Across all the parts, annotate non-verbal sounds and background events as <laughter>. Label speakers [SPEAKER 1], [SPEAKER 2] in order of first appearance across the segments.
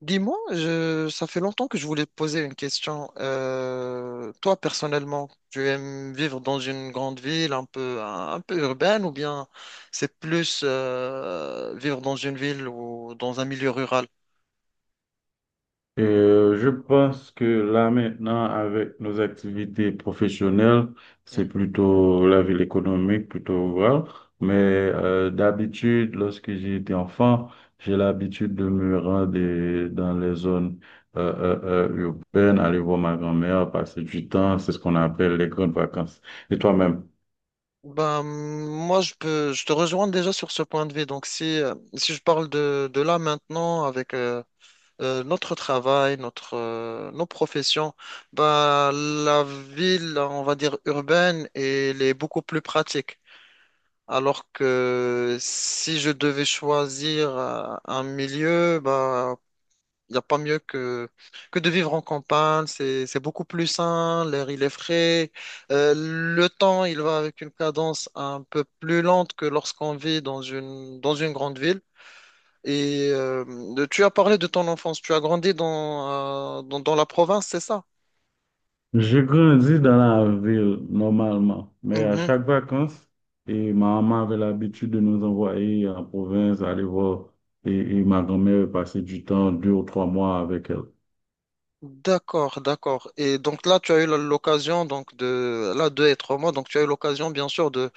[SPEAKER 1] Dis-moi, ça fait longtemps que je voulais te poser une question. Toi, personnellement, tu aimes vivre dans une grande ville un peu, un peu urbaine ou bien c'est plus vivre dans une ville ou dans un milieu rural?
[SPEAKER 2] Je pense que là maintenant, avec nos activités professionnelles, c'est
[SPEAKER 1] Mhm.
[SPEAKER 2] plutôt la ville économique, plutôt rurale. Mais d'habitude, lorsque j'étais enfant, j'ai l'habitude de me rendre dans les zones euh, euh, euh, urbaines, aller voir ma grand-mère, passer du temps. C'est ce qu'on appelle les grandes vacances. Et toi-même?
[SPEAKER 1] Ben, moi, je te rejoins déjà sur ce point de vue. Donc, si je parle de là maintenant avec notre travail, nos professions, ben, la ville, on va dire urbaine, elle est beaucoup plus pratique. Alors que si je devais choisir un milieu, bah, il n'y a pas mieux que de vivre en campagne. C'est beaucoup plus sain, l'air il est frais. Le temps, il va avec une cadence un peu plus lente que lorsqu'on vit dans dans une grande ville. Et tu as parlé de ton enfance. Tu as grandi dans la province, c'est ça?
[SPEAKER 2] Je grandis dans la ville normalement, mais à
[SPEAKER 1] Mhm.
[SPEAKER 2] chaque vacances, et ma maman avait l'habitude de nous envoyer en province aller voir et, et ma grand-mère passait du temps, deux ou trois mois avec elle.
[SPEAKER 1] D'accord, d'accord. Et donc là, tu as eu l'occasion donc de là d'être moi, donc tu as eu l'occasion bien sûr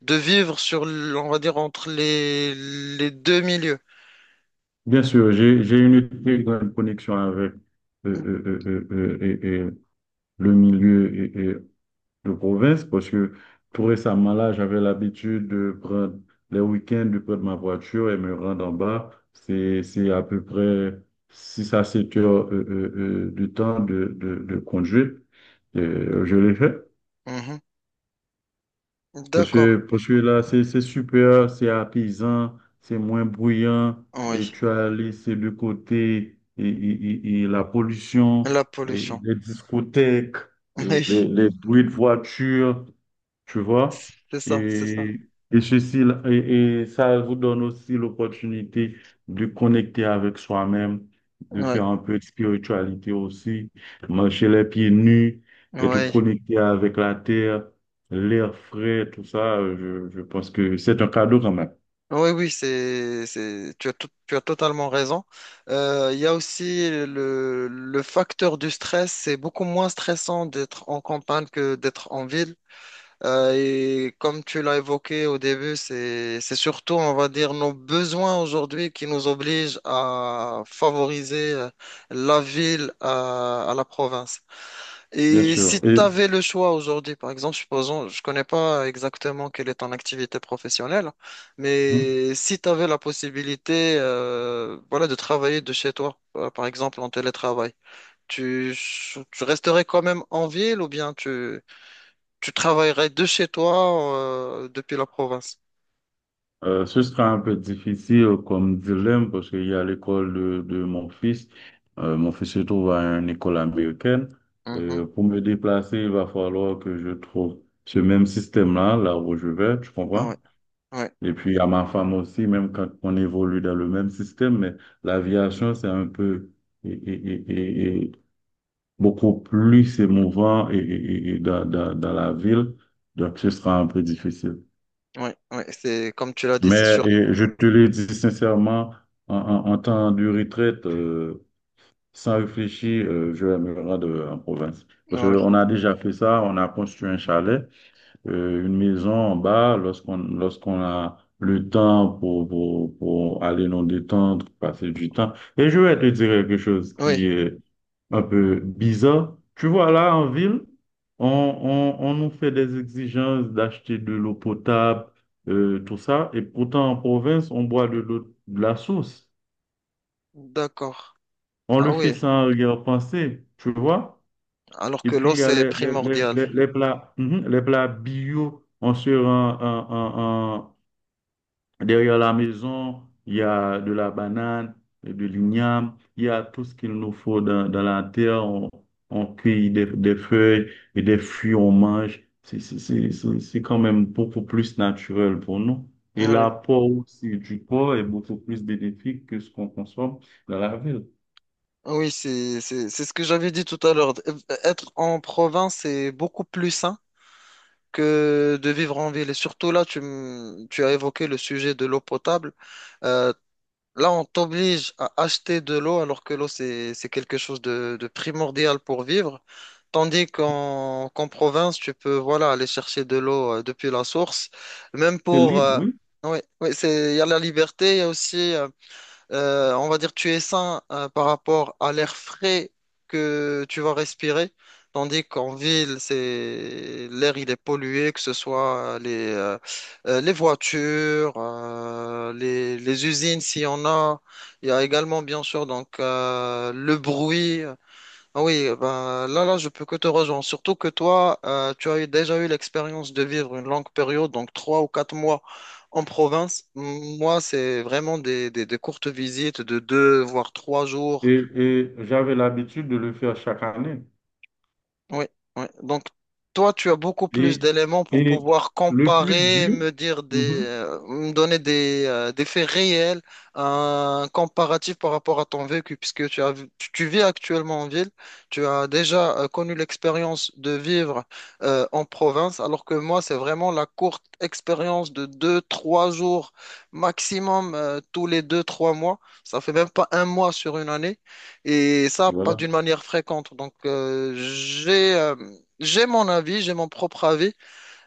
[SPEAKER 1] de vivre on va dire, entre les deux milieux.
[SPEAKER 2] Bien sûr, j'ai une très grande connexion avec et le milieu de province parce que tout récemment là, j'avais l'habitude de prendre les week-ends de prendre ma voiture et me rendre en bas. C'est à peu près 6 à 7 heures de temps de conduite. Et, je l'ai fait.
[SPEAKER 1] Mhm. D'accord.
[SPEAKER 2] Parce que là, c'est super, c'est apaisant, c'est moins bruyant,
[SPEAKER 1] Oui.
[SPEAKER 2] et tu as laissé de côté et la pollution,
[SPEAKER 1] La
[SPEAKER 2] et
[SPEAKER 1] pollution.
[SPEAKER 2] les discothèques,
[SPEAKER 1] <laughs> Oui,
[SPEAKER 2] les bruits de voiture, tu vois.
[SPEAKER 1] c'est ça, c'est ça.
[SPEAKER 2] Et, et ceci, et ça vous donne aussi l'opportunité de connecter avec soi-même, de
[SPEAKER 1] Oui,
[SPEAKER 2] faire un peu de spiritualité aussi, marcher les pieds nus, être
[SPEAKER 1] oui.
[SPEAKER 2] connecté avec la terre, l'air frais, tout ça, je pense que c'est un cadeau quand même,
[SPEAKER 1] Oui, oui, tu as tu as totalement raison. Il y a aussi le facteur du stress. C'est beaucoup moins stressant d'être en campagne que d'être en ville. Et comme tu l'as évoqué au début, c'est surtout, on va dire, nos besoins aujourd'hui qui nous obligent à favoriser la ville à la province.
[SPEAKER 2] bien
[SPEAKER 1] Et
[SPEAKER 2] sûr.
[SPEAKER 1] si tu
[SPEAKER 2] Et
[SPEAKER 1] avais le choix aujourd'hui, par exemple, supposons, je connais pas exactement quelle est ton activité professionnelle,
[SPEAKER 2] mhm.
[SPEAKER 1] mais si tu avais la possibilité, voilà, de travailler de chez toi, par exemple, en télétravail, tu, tu resterais quand même en ville ou bien tu tu travaillerais de chez toi depuis la province.
[SPEAKER 2] Ce sera un peu difficile comme dilemme parce qu'il y a l'école de mon fils. Mon fils se trouve à une école américaine.
[SPEAKER 1] Mhm.
[SPEAKER 2] Pour me déplacer, il va falloir que je trouve ce même système-là, là où je vais, tu comprends?
[SPEAKER 1] Ouais, ouais,
[SPEAKER 2] Et puis à ma femme aussi, même quand on évolue dans le même système, mais l'aviation, c'est un peu... et, beaucoup plus émouvant et dans la ville. Donc, ce sera un peu difficile.
[SPEAKER 1] ouais, ouais. C'est comme tu l'as dit, c'est
[SPEAKER 2] Mais
[SPEAKER 1] sûr.
[SPEAKER 2] je te le dis sincèrement, en temps de retraite, sans réfléchir, je vais me rendre en province. Parce
[SPEAKER 1] Ah oui,
[SPEAKER 2] qu'on a déjà fait ça, on a construit un chalet, une maison en bas, lorsqu'on a le temps pour aller nous détendre, passer du temps. Et je vais te dire quelque chose
[SPEAKER 1] oui,
[SPEAKER 2] qui est un peu bizarre. Tu vois, là, en ville, on nous fait des exigences d'acheter de l'eau potable, tout ça, et pourtant en province, on boit de l'eau de la source.
[SPEAKER 1] d'accord.
[SPEAKER 2] On
[SPEAKER 1] Ah
[SPEAKER 2] le fait
[SPEAKER 1] oui,
[SPEAKER 2] sans arrière-pensée, tu vois.
[SPEAKER 1] alors
[SPEAKER 2] Et
[SPEAKER 1] que
[SPEAKER 2] puis,
[SPEAKER 1] l'eau,
[SPEAKER 2] il y a
[SPEAKER 1] c'est primordial.
[SPEAKER 2] les plats, mhm, les plats bio, on se rend. Derrière la maison, il y a de la banane, de l'igname, il y a tout ce qu'il nous faut dans, dans la terre. On cueille des feuilles et des fruits, on mange. C'est quand même beaucoup plus naturel pour nous. Et
[SPEAKER 1] Oui,
[SPEAKER 2] l'apport aussi du corps est beaucoup plus bénéfique que ce qu'on consomme dans la ville.
[SPEAKER 1] ah oui, c'est ce que j'avais dit tout à l'heure. Être en province, c'est beaucoup plus sain que de vivre en ville. Et surtout là, tu as évoqué le sujet de l'eau potable. Euh, Là, on t'oblige à acheter de l'eau alors que l'eau, c'est quelque chose de primordial pour vivre. Tandis qu'en province, tu peux voilà, aller chercher de l'eau depuis la source. Même
[SPEAKER 2] C'est
[SPEAKER 1] pour...
[SPEAKER 2] libre, oui.
[SPEAKER 1] ouais, ouais, c'est, il y a la liberté, il y a aussi... on va dire tu es sain par rapport à l'air frais que tu vas respirer, tandis qu'en ville, c'est l'air il est pollué, que ce soit les voitures, les usines s'il y en a. Il y a également bien sûr donc le bruit. Ah oui, ben, là, je peux que te rejoindre. Surtout que toi, tu as eu, déjà eu l'expérience de vivre une longue période, donc trois ou quatre mois en province. Moi, c'est vraiment des courtes visites de deux, voire trois jours.
[SPEAKER 2] Et j'avais l'habitude de le faire chaque année.
[SPEAKER 1] Oui, oui. Donc, toi, tu as beaucoup plus
[SPEAKER 2] Et,
[SPEAKER 1] d'éléments pour
[SPEAKER 2] et
[SPEAKER 1] pouvoir
[SPEAKER 2] le plus
[SPEAKER 1] comparer,
[SPEAKER 2] dur,
[SPEAKER 1] me dire
[SPEAKER 2] mhm,
[SPEAKER 1] me donner des faits réels, un comparatif par rapport à ton vécu, puisque tu, tu vis actuellement en ville, tu as déjà connu l'expérience de vivre en province, alors que moi, c'est vraiment la courte expérience de deux, trois jours maximum tous les deux, trois mois. Ça fait même pas un mois sur une année. Et ça, pas
[SPEAKER 2] voilà.
[SPEAKER 1] d'une manière fréquente. Donc, j'ai mon avis, j'ai mon propre avis,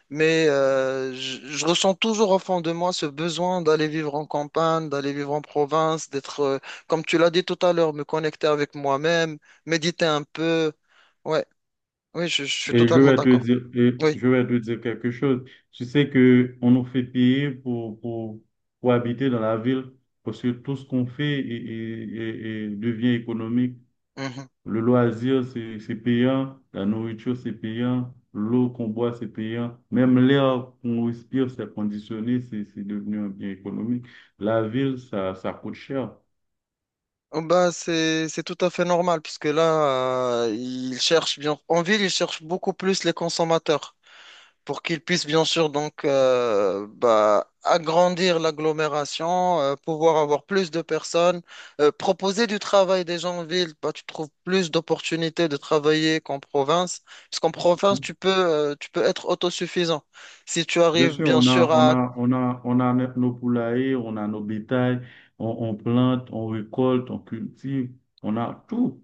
[SPEAKER 1] mais je ressens toujours au fond de moi ce besoin d'aller vivre en campagne, d'aller vivre en province, comme tu l'as dit tout à l'heure, me connecter avec moi-même, méditer un peu. Ouais, oui, je suis
[SPEAKER 2] Et je
[SPEAKER 1] totalement
[SPEAKER 2] vais te
[SPEAKER 1] d'accord.
[SPEAKER 2] dire, et
[SPEAKER 1] Oui.
[SPEAKER 2] je vais te dire quelque chose. Tu sais que on nous fait payer pour habiter dans la ville parce que tout ce qu'on fait devient économique.
[SPEAKER 1] Mhm.
[SPEAKER 2] Le loisir, c'est payant. La nourriture, c'est payant. L'eau qu'on boit, c'est payant. Même l'air qu'on respire, c'est conditionné. C'est devenu un bien économique. La ville, ça coûte cher.
[SPEAKER 1] Oh, bah, c'est tout à fait normal, puisque là, ils cherchent bien. En ville, ils cherchent beaucoup plus les consommateurs. Pour qu'ils puissent bien sûr donc bah, agrandir l'agglomération, pouvoir avoir plus de personnes, proposer du travail des gens en ville. Bah, tu trouves plus d'opportunités de travailler qu'en province, puisqu'en province, tu peux être autosuffisant. Si tu
[SPEAKER 2] Bien
[SPEAKER 1] arrives
[SPEAKER 2] sûr,
[SPEAKER 1] bien sûr à...
[SPEAKER 2] on a nos poulaillers, on a nos bétails, on plante, on récolte, on cultive, on a tout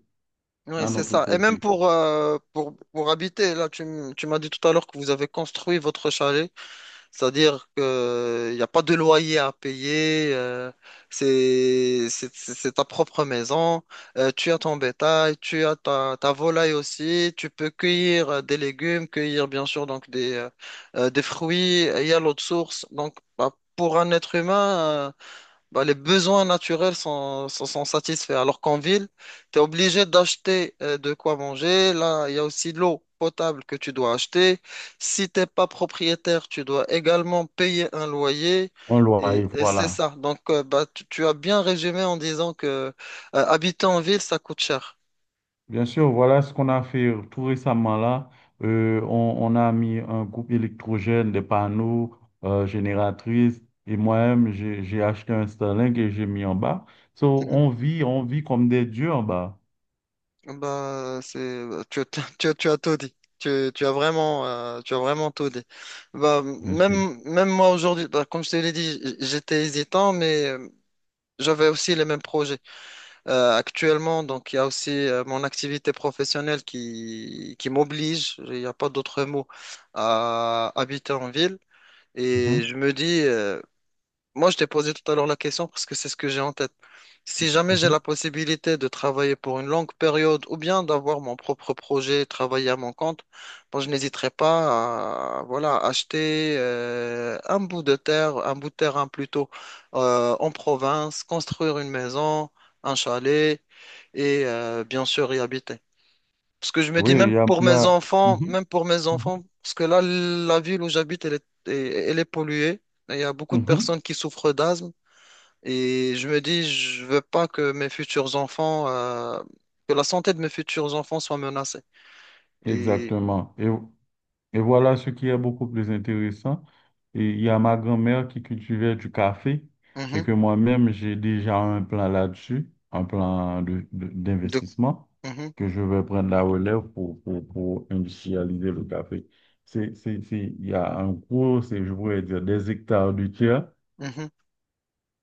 [SPEAKER 1] Oui,
[SPEAKER 2] à
[SPEAKER 1] c'est
[SPEAKER 2] notre
[SPEAKER 1] ça. Et même
[SPEAKER 2] portée.
[SPEAKER 1] pour habiter, là, tu m'as dit tout à l'heure que vous avez construit votre chalet. C'est-à-dire qu'il n'y a pas de loyer à payer, c'est ta propre maison, tu as ton bétail, tu as ta volaille aussi, tu peux cueillir des légumes, cueillir bien sûr donc des fruits, il y a l'eau de source. Donc bah, pour un être humain, bah, les besoins naturels sont satisfaits. Alors qu'en ville, tu es obligé d'acheter de quoi manger. Là, il y a aussi l'eau potable que tu dois acheter. Si t'es pas propriétaire, tu dois également payer un loyer.
[SPEAKER 2] On loyer,
[SPEAKER 1] Et c'est
[SPEAKER 2] voilà.
[SPEAKER 1] ça. Donc, bah, tu as bien résumé en disant que habiter en ville, ça coûte cher.
[SPEAKER 2] Bien sûr, voilà ce qu'on a fait tout récemment là. On a mis un groupe électrogène, des panneaux, génératrices, et moi-même, j'ai acheté un Starlink et j'ai mis en bas. So,
[SPEAKER 1] Mhm.
[SPEAKER 2] on vit comme des dieux en bas,
[SPEAKER 1] Bah, c'est, bah, <laughs> tu as tout dit. Tu as vraiment, tu as vraiment tout dit. Bah,
[SPEAKER 2] bien sûr.
[SPEAKER 1] même, même moi aujourd'hui, bah, comme je te l'ai dit, j'étais hésitant, mais j'avais aussi les mêmes projets actuellement. Donc, il y a aussi mon activité professionnelle qui m'oblige, il n'y a pas d'autre mot, à habiter en ville. Et
[SPEAKER 2] Mhm,
[SPEAKER 1] je me dis, moi, je t'ai posé tout à l'heure la question parce que c'est ce que j'ai en tête. Si jamais j'ai
[SPEAKER 2] mhm.
[SPEAKER 1] la possibilité de travailler pour une longue période ou bien d'avoir mon propre projet, travailler à mon compte, moi, je n'hésiterai pas à voilà, acheter un bout de terre, un bout de terrain plutôt en province, construire une maison, un chalet et bien sûr y habiter. Parce que je me
[SPEAKER 2] Oui,
[SPEAKER 1] dis
[SPEAKER 2] il
[SPEAKER 1] même
[SPEAKER 2] y a,
[SPEAKER 1] pour
[SPEAKER 2] il y
[SPEAKER 1] mes
[SPEAKER 2] a,
[SPEAKER 1] enfants,
[SPEAKER 2] mhm,
[SPEAKER 1] même pour mes
[SPEAKER 2] mhm,
[SPEAKER 1] enfants, parce que là, la ville où j'habite, elle est polluée. Et il y a beaucoup de
[SPEAKER 2] mhm.
[SPEAKER 1] personnes qui souffrent d'asthme. Et je me dis, je veux pas que mes futurs enfants, que la santé de mes futurs enfants soit menacée. Et
[SPEAKER 2] Exactement. Et voilà ce qui est beaucoup plus intéressant. Et il y a ma grand-mère qui cultivait du café et
[SPEAKER 1] mhm,
[SPEAKER 2] que moi-même, j'ai déjà un plan là-dessus, un plan
[SPEAKER 1] de,
[SPEAKER 2] d'investissement
[SPEAKER 1] mhm,
[SPEAKER 2] que je vais prendre la relève pour industrialiser le café. C'est, il y a un gros, c'est, je pourrais dire, des hectares de terre
[SPEAKER 1] mhm.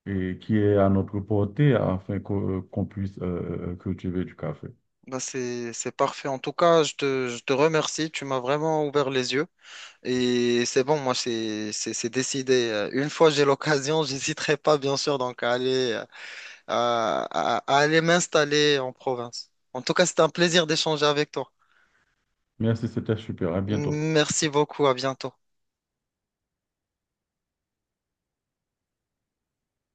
[SPEAKER 2] et qui est à notre portée afin qu'on puisse cultiver du café.
[SPEAKER 1] Bah, c'est parfait. En tout cas, je te remercie. Tu m'as vraiment ouvert les yeux. Et c'est bon, moi, c'est décidé. Une fois j'ai l'occasion, <laughs> j'hésiterai pas, bien sûr, donc à aller. À aller m'installer en province. En tout cas, c'était un plaisir d'échanger avec toi.
[SPEAKER 2] Merci, c'était super. À bientôt.
[SPEAKER 1] Merci beaucoup, à bientôt.